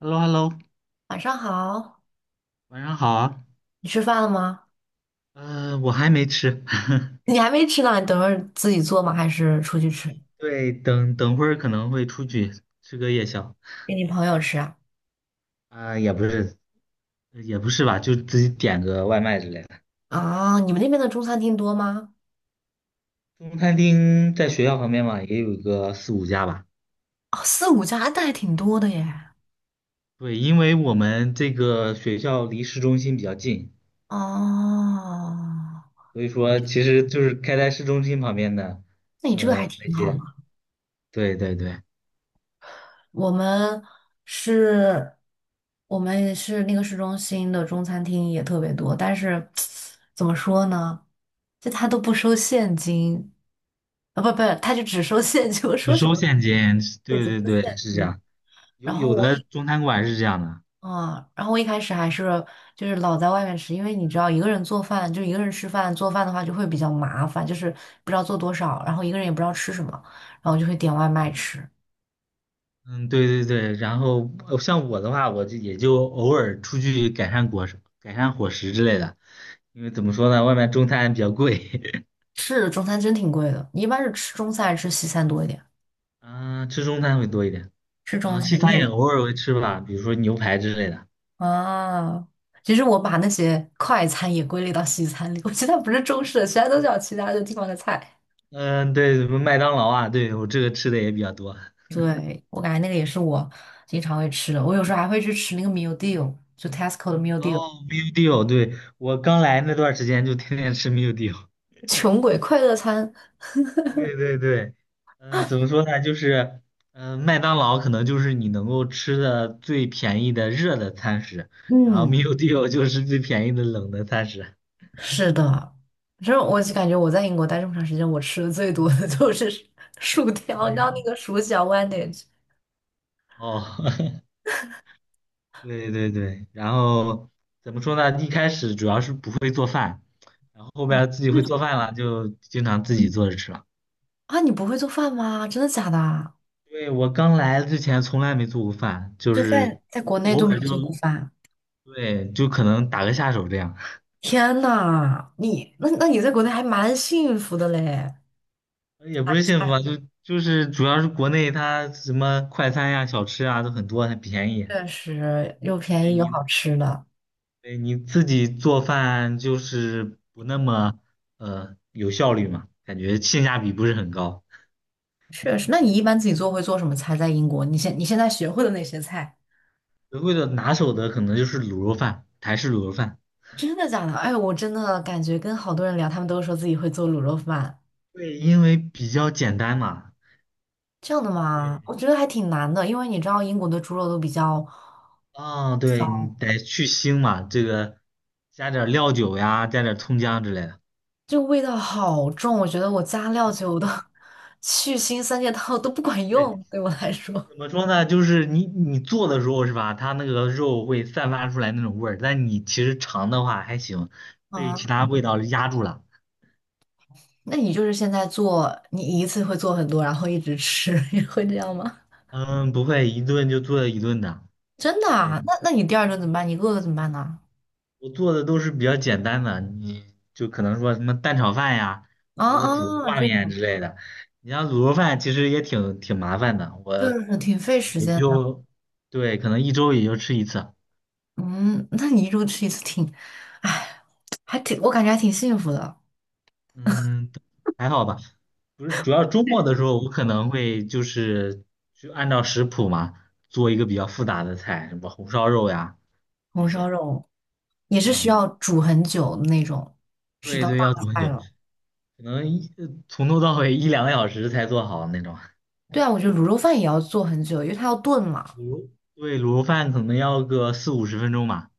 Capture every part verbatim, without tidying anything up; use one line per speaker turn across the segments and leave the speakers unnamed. h e l l o h e l l o
晚上好，
晚上好啊。
你吃饭了吗？
呃，我还没吃，
你还没吃呢，你等会儿自己做吗？还是出去吃？
对，等等会儿可能会出去吃个夜宵。
给你朋友吃啊？
啊、也不是，也不是吧，就自己点个外卖之类的。
啊，你们那边的中餐厅多吗？
中餐厅在学校旁边嘛，也有个四五家吧。
哦，四五家，那还挺多的耶。
对，因为我们这个学校离市中心比较近，
哦，
所以说其实就是开在市中心旁边的。
那你这个还
嗯、那
挺好的。
些，对对对，
我们是，我们是那个市中心的中餐厅也特别多，但是 怎么说呢？就他都不收现金，啊，不不，他就只收现金。我
只
说什
收
么？
现金，
对，
对
只收
对
现
对，是这
金。
样。
然
有
后
有
我
的
一
中餐馆是这样的。
啊，然后我一开始还是就是老在外面吃，因为你知道一个人做饭，就一个人吃饭做饭的话就会比较麻烦，就是不知道做多少，然后一个人也不知道吃什么，然后就会点外卖吃。
嗯，对对对，然后呃像我的话，我就也就偶尔出去改善果实、改善伙食之类的，因为怎么说呢，外面中餐比较贵。
是中餐真挺贵的，你一般是吃中餐还是吃西餐多一点？
啊、吃中餐会多一点，
吃中
啊、
餐，
西
你
餐
也
也
是
偶尔会吃吧，比如说牛排之类的。
啊？其实我把那些快餐也归类到西餐里，我觉得它不是中式的，其他都叫其他的地方的菜。
嗯、对，麦当劳啊，对我这个吃的也比较多。
对，我感觉那个也是我经常会吃的，我有时候还会去吃那个 meal deal，就 Tesco 的 meal deal。
哦，meal d e a 对，我刚来那段儿时间就天天吃 meal d e a
穷鬼快乐餐，
对对对。嗯，怎么说呢？就是，嗯，麦当劳可能就是你能够吃的最便宜的热的餐食，然后
嗯，
meal d e a 就是最便宜的冷的餐食。
是的，反正我就感觉我在英国待这么长时间，我吃的最多的 就是薯条，你知道那个薯角 （sandwich）
哦，对对对，然后怎么说呢？一开始主要是不会做饭，然后后边自己
那
会
种
做饭了，就经常自己做着吃了。
啊？你不会做饭吗？真的假的啊
对，我刚来之前从来没做过饭，就
就在
是
在国内都
偶
没
尔
有
就
做过饭，
对，就可能打个下手这样。
天呐，你那那你在国内还蛮幸福的嘞，
也不是幸福啊，就就是主要是国内它什么快餐呀、小吃啊都很多，很便宜。
确实又便
对
宜又
你，
好吃的，
对你自己做饭就是不那么呃有效率嘛，感觉性价比不是很高。
确实。那你
对，
一般自己做会做什么菜？在英国，你现你现在学会的那些菜？
德惠的拿手的可能就是卤肉饭，台式卤肉饭。
真的假的？哎，我真的感觉跟好多人聊，他们都说自己会做卤肉饭，
对，因为比较简单嘛。
这样的
对，
吗？我觉得还挺难的，因为你知道英国的猪肉都比较，
啊、对你得去腥嘛，这个加点儿料酒呀，加点儿葱姜之类的。
就味道好重，我觉得我加料酒的 去腥三件套都不管
对。
用，对我来说。
怎么 说呢？就是你你做的时候是吧？它那个肉会散发出来那种味儿，但你其实尝的话还行，被
啊，
其他味道压住了。
那你就是现在做，你一次会做很多，然后一直吃，你会这样吗？
嗯，不会，一顿就做一顿的。
真的啊？
对，
那那你第二顿怎么办？你饿了怎么办呢？
我做的都是比较简单的，你就可能说什么蛋炒饭呀，
啊
或者说煮个
啊，
挂
这
面
种
之类的。你像卤肉饭其实也挺挺麻烦的，
就
我
是挺费时
也
间的。
就对，可能一周也就吃一次。
嗯，那你一周吃一次挺，哎，还挺，我感觉还挺幸福的。
嗯，还好吧。不是，主要周末的时候，我可能会就是去按照食谱嘛，做一个比较复杂的菜，什么红烧肉呀那
红烧
些。
肉也是需
嗯，
要煮很久的那种，是
对
道大
对，要煮很
菜
久，
了。
可能一呃从头到尾一两个小时才做好那种。
对啊，我觉得卤肉饭也要做很久，因为它要炖嘛。
卤肉对，卤肉饭可能要个四五十分钟吧。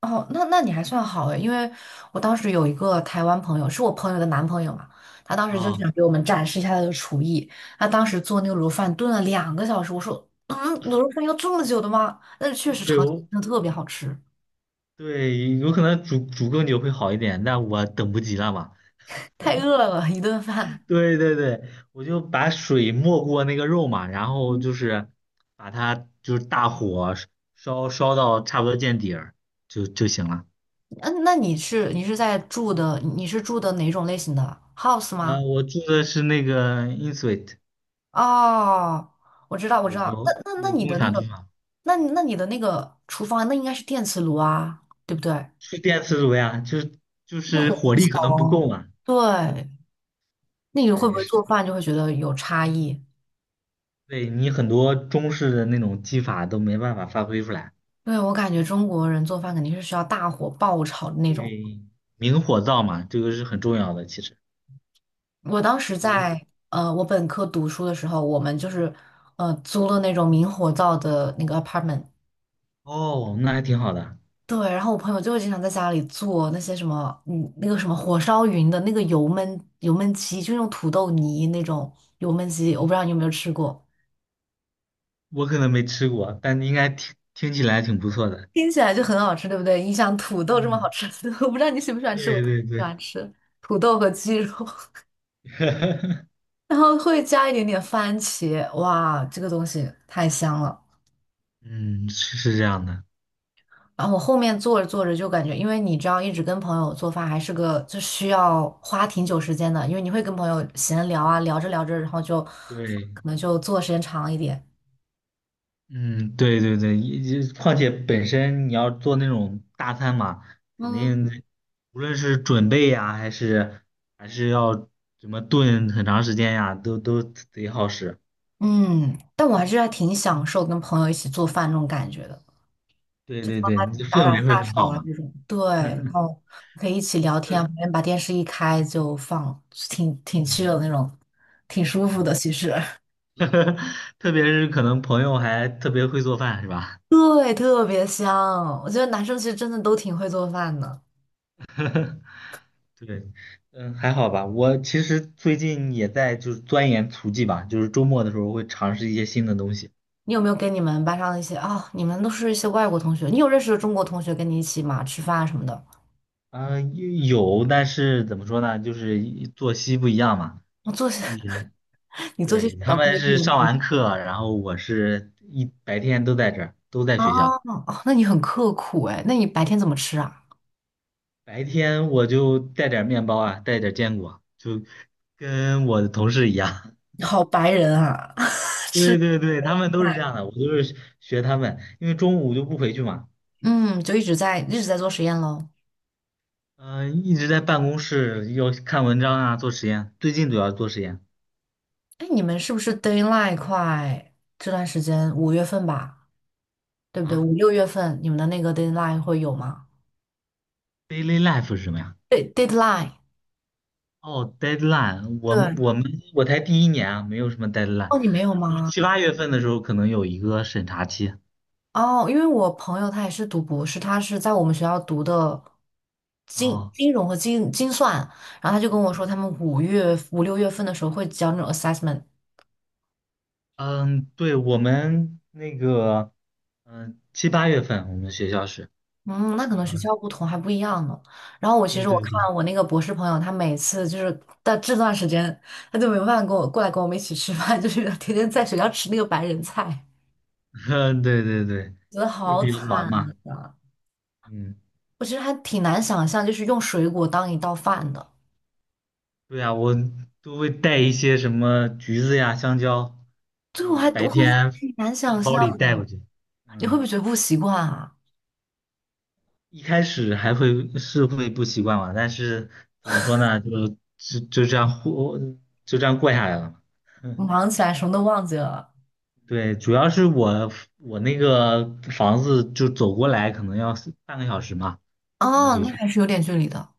哦，那那你还算好诶，因为我当时有一个台湾朋友，是我朋友的男朋友嘛，他当时就
啊，
想给我们展示一下他的厨艺。他当时做那个卤肉饭炖了两个小时，我说，嗯，卤肉饭要这么久的吗？但是确实
对
尝起来
我
真的特别好吃，
对，有可能煮煮更久会好一点，但我等不及了吧。
太饿了，一顿饭。
对对对，我就把水没过那个肉嘛，然后就 是把它就是大火烧烧到差不多见底儿就就行了。
嗯，那你是你是在住的，你是住的哪种类型的 house
呃，
吗？
我住的是那个 Insuite,
哦，我知道，我知
对，
道。那
有
那那
有
你
共
的那
享住
个，
房，
那那你的那个厨房，那应该是电磁炉啊，对不对？
是电磁炉呀，就是就
那
是
火
火
很
力
小
可能不
哦。
够嘛。
对，那你会不
对，
会
是
做饭就会觉得有差异？
对你很多中式的那种技法都没办法发挥出来，
对，我感觉中国人做饭肯定是需要大火爆炒的那种。
对，明火灶嘛，这个是很重要的，其实。
我当时
嗯
在呃，我本科读书的时候，我们就是呃租了那种明火灶的那个 apartment。
哦，那还挺好的。
对，然后我朋友就会经常在家里做那些什么，嗯，那个什么火烧云的那个油焖油焖鸡，就用土豆泥那种油焖鸡，我不知道你有没有吃过，
我可能没吃过，但应该听听起来挺不错的。
听起来就很好吃，对不对？你想土豆这么好
嗯，
吃的 我不知道你喜不喜欢吃，我
对
特别
对
喜
对，
欢吃土豆和鸡肉，然后会加一点点番茄，哇，这个东西太香了。
嗯，是是这样的，
然后我后面做着做着就感觉，因为你知道，一直跟朋友做饭还是个就需要花挺久时间的，因为你会跟朋友闲聊啊，聊着聊着，然后就
对，
可能就做的时间长一点。
嗯，对对对，也也况且本身你要做那种大餐嘛，肯
嗯，
定得无论是准备呀，还是还是要怎么炖很长时间呀，都都得耗时。
嗯，但我还是还挺享受跟朋友一起做饭那种感觉的，
对
就是
对
帮
对，
他
你的
打
氛
打
围
下
会很
手
好
啊
嘛。
这种。对，然后可以一起聊天啊，
特，
旁边把电视一开就放，挺挺 c
嗯
的那种，挺舒服的。其实，
特别是可能朋友还特别会做饭，是吧？
对，特别香。我觉得男生其实真的都挺会做饭的。
对，嗯，还好吧。我其实最近也在就是钻研厨技吧，就是周末的时候会尝试一些新的东西。
你有没有跟你们班上的一些啊、你们都是一些外国同学，你有认识的中国同学跟你一起嘛吃饭啊什么的？
啊、有，但是怎么说呢，就是一作息不一样嘛。
我做些，
也
你做些
对，
比较
他
规
们是
律的
上
那种
完课，然后我是一白天都在这儿，都在
哦
学校。
哦，那你很刻苦哎，那你白天怎么吃啊？
白天我就带点儿面包啊，带点儿坚果，就跟我的同事一样。
好白人啊，吃
对对对，他们都是这
饭。
样的，我就是学他们，因为中午就不回去嘛。
嗯，就一直在一直在做实验喽。
嗯、一直在办公室要看文章啊，做实验。最近主要做实验
哎，你们是不是 deadline 快？这段时间五月份吧，对不对？
啊。
五六月份你们的那个 deadline 会有吗？
Daily life 是什么呀？
对，deadline，
哦，deadline,我
对，
我们我才第一年啊，没有什么 deadline。
哦，你没有
就
吗？
七八月份的时候可能有一个审查期。
哦，因为我朋友他也是读博士，他是在我们学校读的金
哦，
金融和金金算，然后他就跟我说，他们五月五六月份的时候会交那种 assessment。
嗯，对，我们那个，嗯、七八月份我们学校是，
嗯，那可能学
嗯、
校不同还不一样呢。然后我其
对
实我
对对，
看我那个博士朋友，他每次就是到这段时间，他就没有办法跟我过来跟我们一起吃饭，就是天天在学校吃那个白人菜，
对对对，
觉得
会
好
比较
惨
忙嘛。
啊！
嗯。
我其实还挺难想象，就是用水果当一道饭的。
对呀，我都会带一些什么橘子呀、香蕉，
对，
就
我
是
还我
白
会
天
挺难
放
想
包
象。
里带过去。
你会不
嗯，
会觉得不习惯啊？
一开始还会是会不习惯嘛，但是怎么说呢，就就就这样过，就这样过下来了。
忙起来什么都忘记了。
对，主要是我我那个房子就走过来可能要四半个小时嘛，懒得
哦，
回
那
去。
还是有点距离的，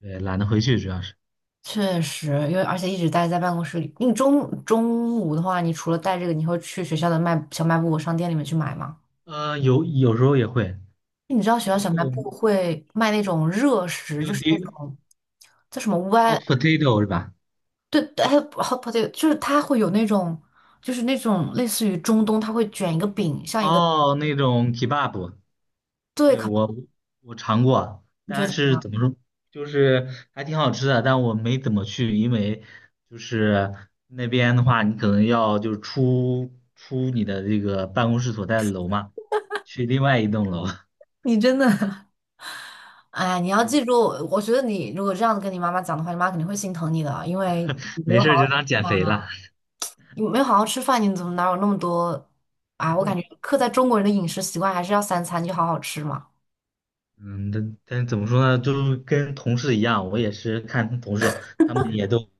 对，懒得回去主要是。
确实，因为而且一直待在办公室里。你中中午的话，你除了带这个，你会去学校的卖小卖部商店里面去买吗？
呃，有有时候也会，
你知道学校
包
小
括
卖部会卖那种热食，就是那
P U D
种叫什么歪，
hot potato 是吧？
对对，还有 h o 就是它会有那种，就是那种类似于中东，它会卷一个饼，像一个
哦，那种 kebab,
对，
对，
可
我我尝过，
你觉得
但
怎么
是
样？
怎么说，就是还挺好吃的，但我没怎么去，因为就是那边的话，你可能要就是出出你的这个办公室所在的楼嘛，去另外一栋楼。
你真的 哎，你 要
对，
记住，我觉得你如果这样子跟你妈妈讲的话，你妈肯定会心疼你的，因为你没
没
有好
事儿
好
就当
吃
减
饭
肥
啊
了。
你没有好好吃饭，你怎么哪有那么多啊？我感觉刻在中国人的饮食习惯还是要三餐就好好吃嘛。
嗯，但但怎么说呢，就是跟同事一样，我也是看同事，他们也都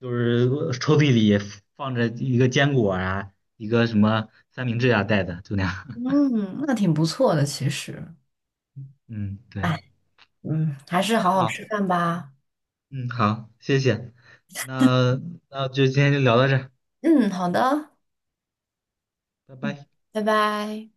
就是抽屉里放着一个坚果啊，一个什么三明治啊带的，就那样。
嗯，那挺不错的，其实。
嗯，对，
哎，嗯，还是
那
好好
好，
吃饭吧。
嗯，好，谢谢，那那就今天就聊到这儿
嗯，好的，
拜
嗯，
拜。
拜拜。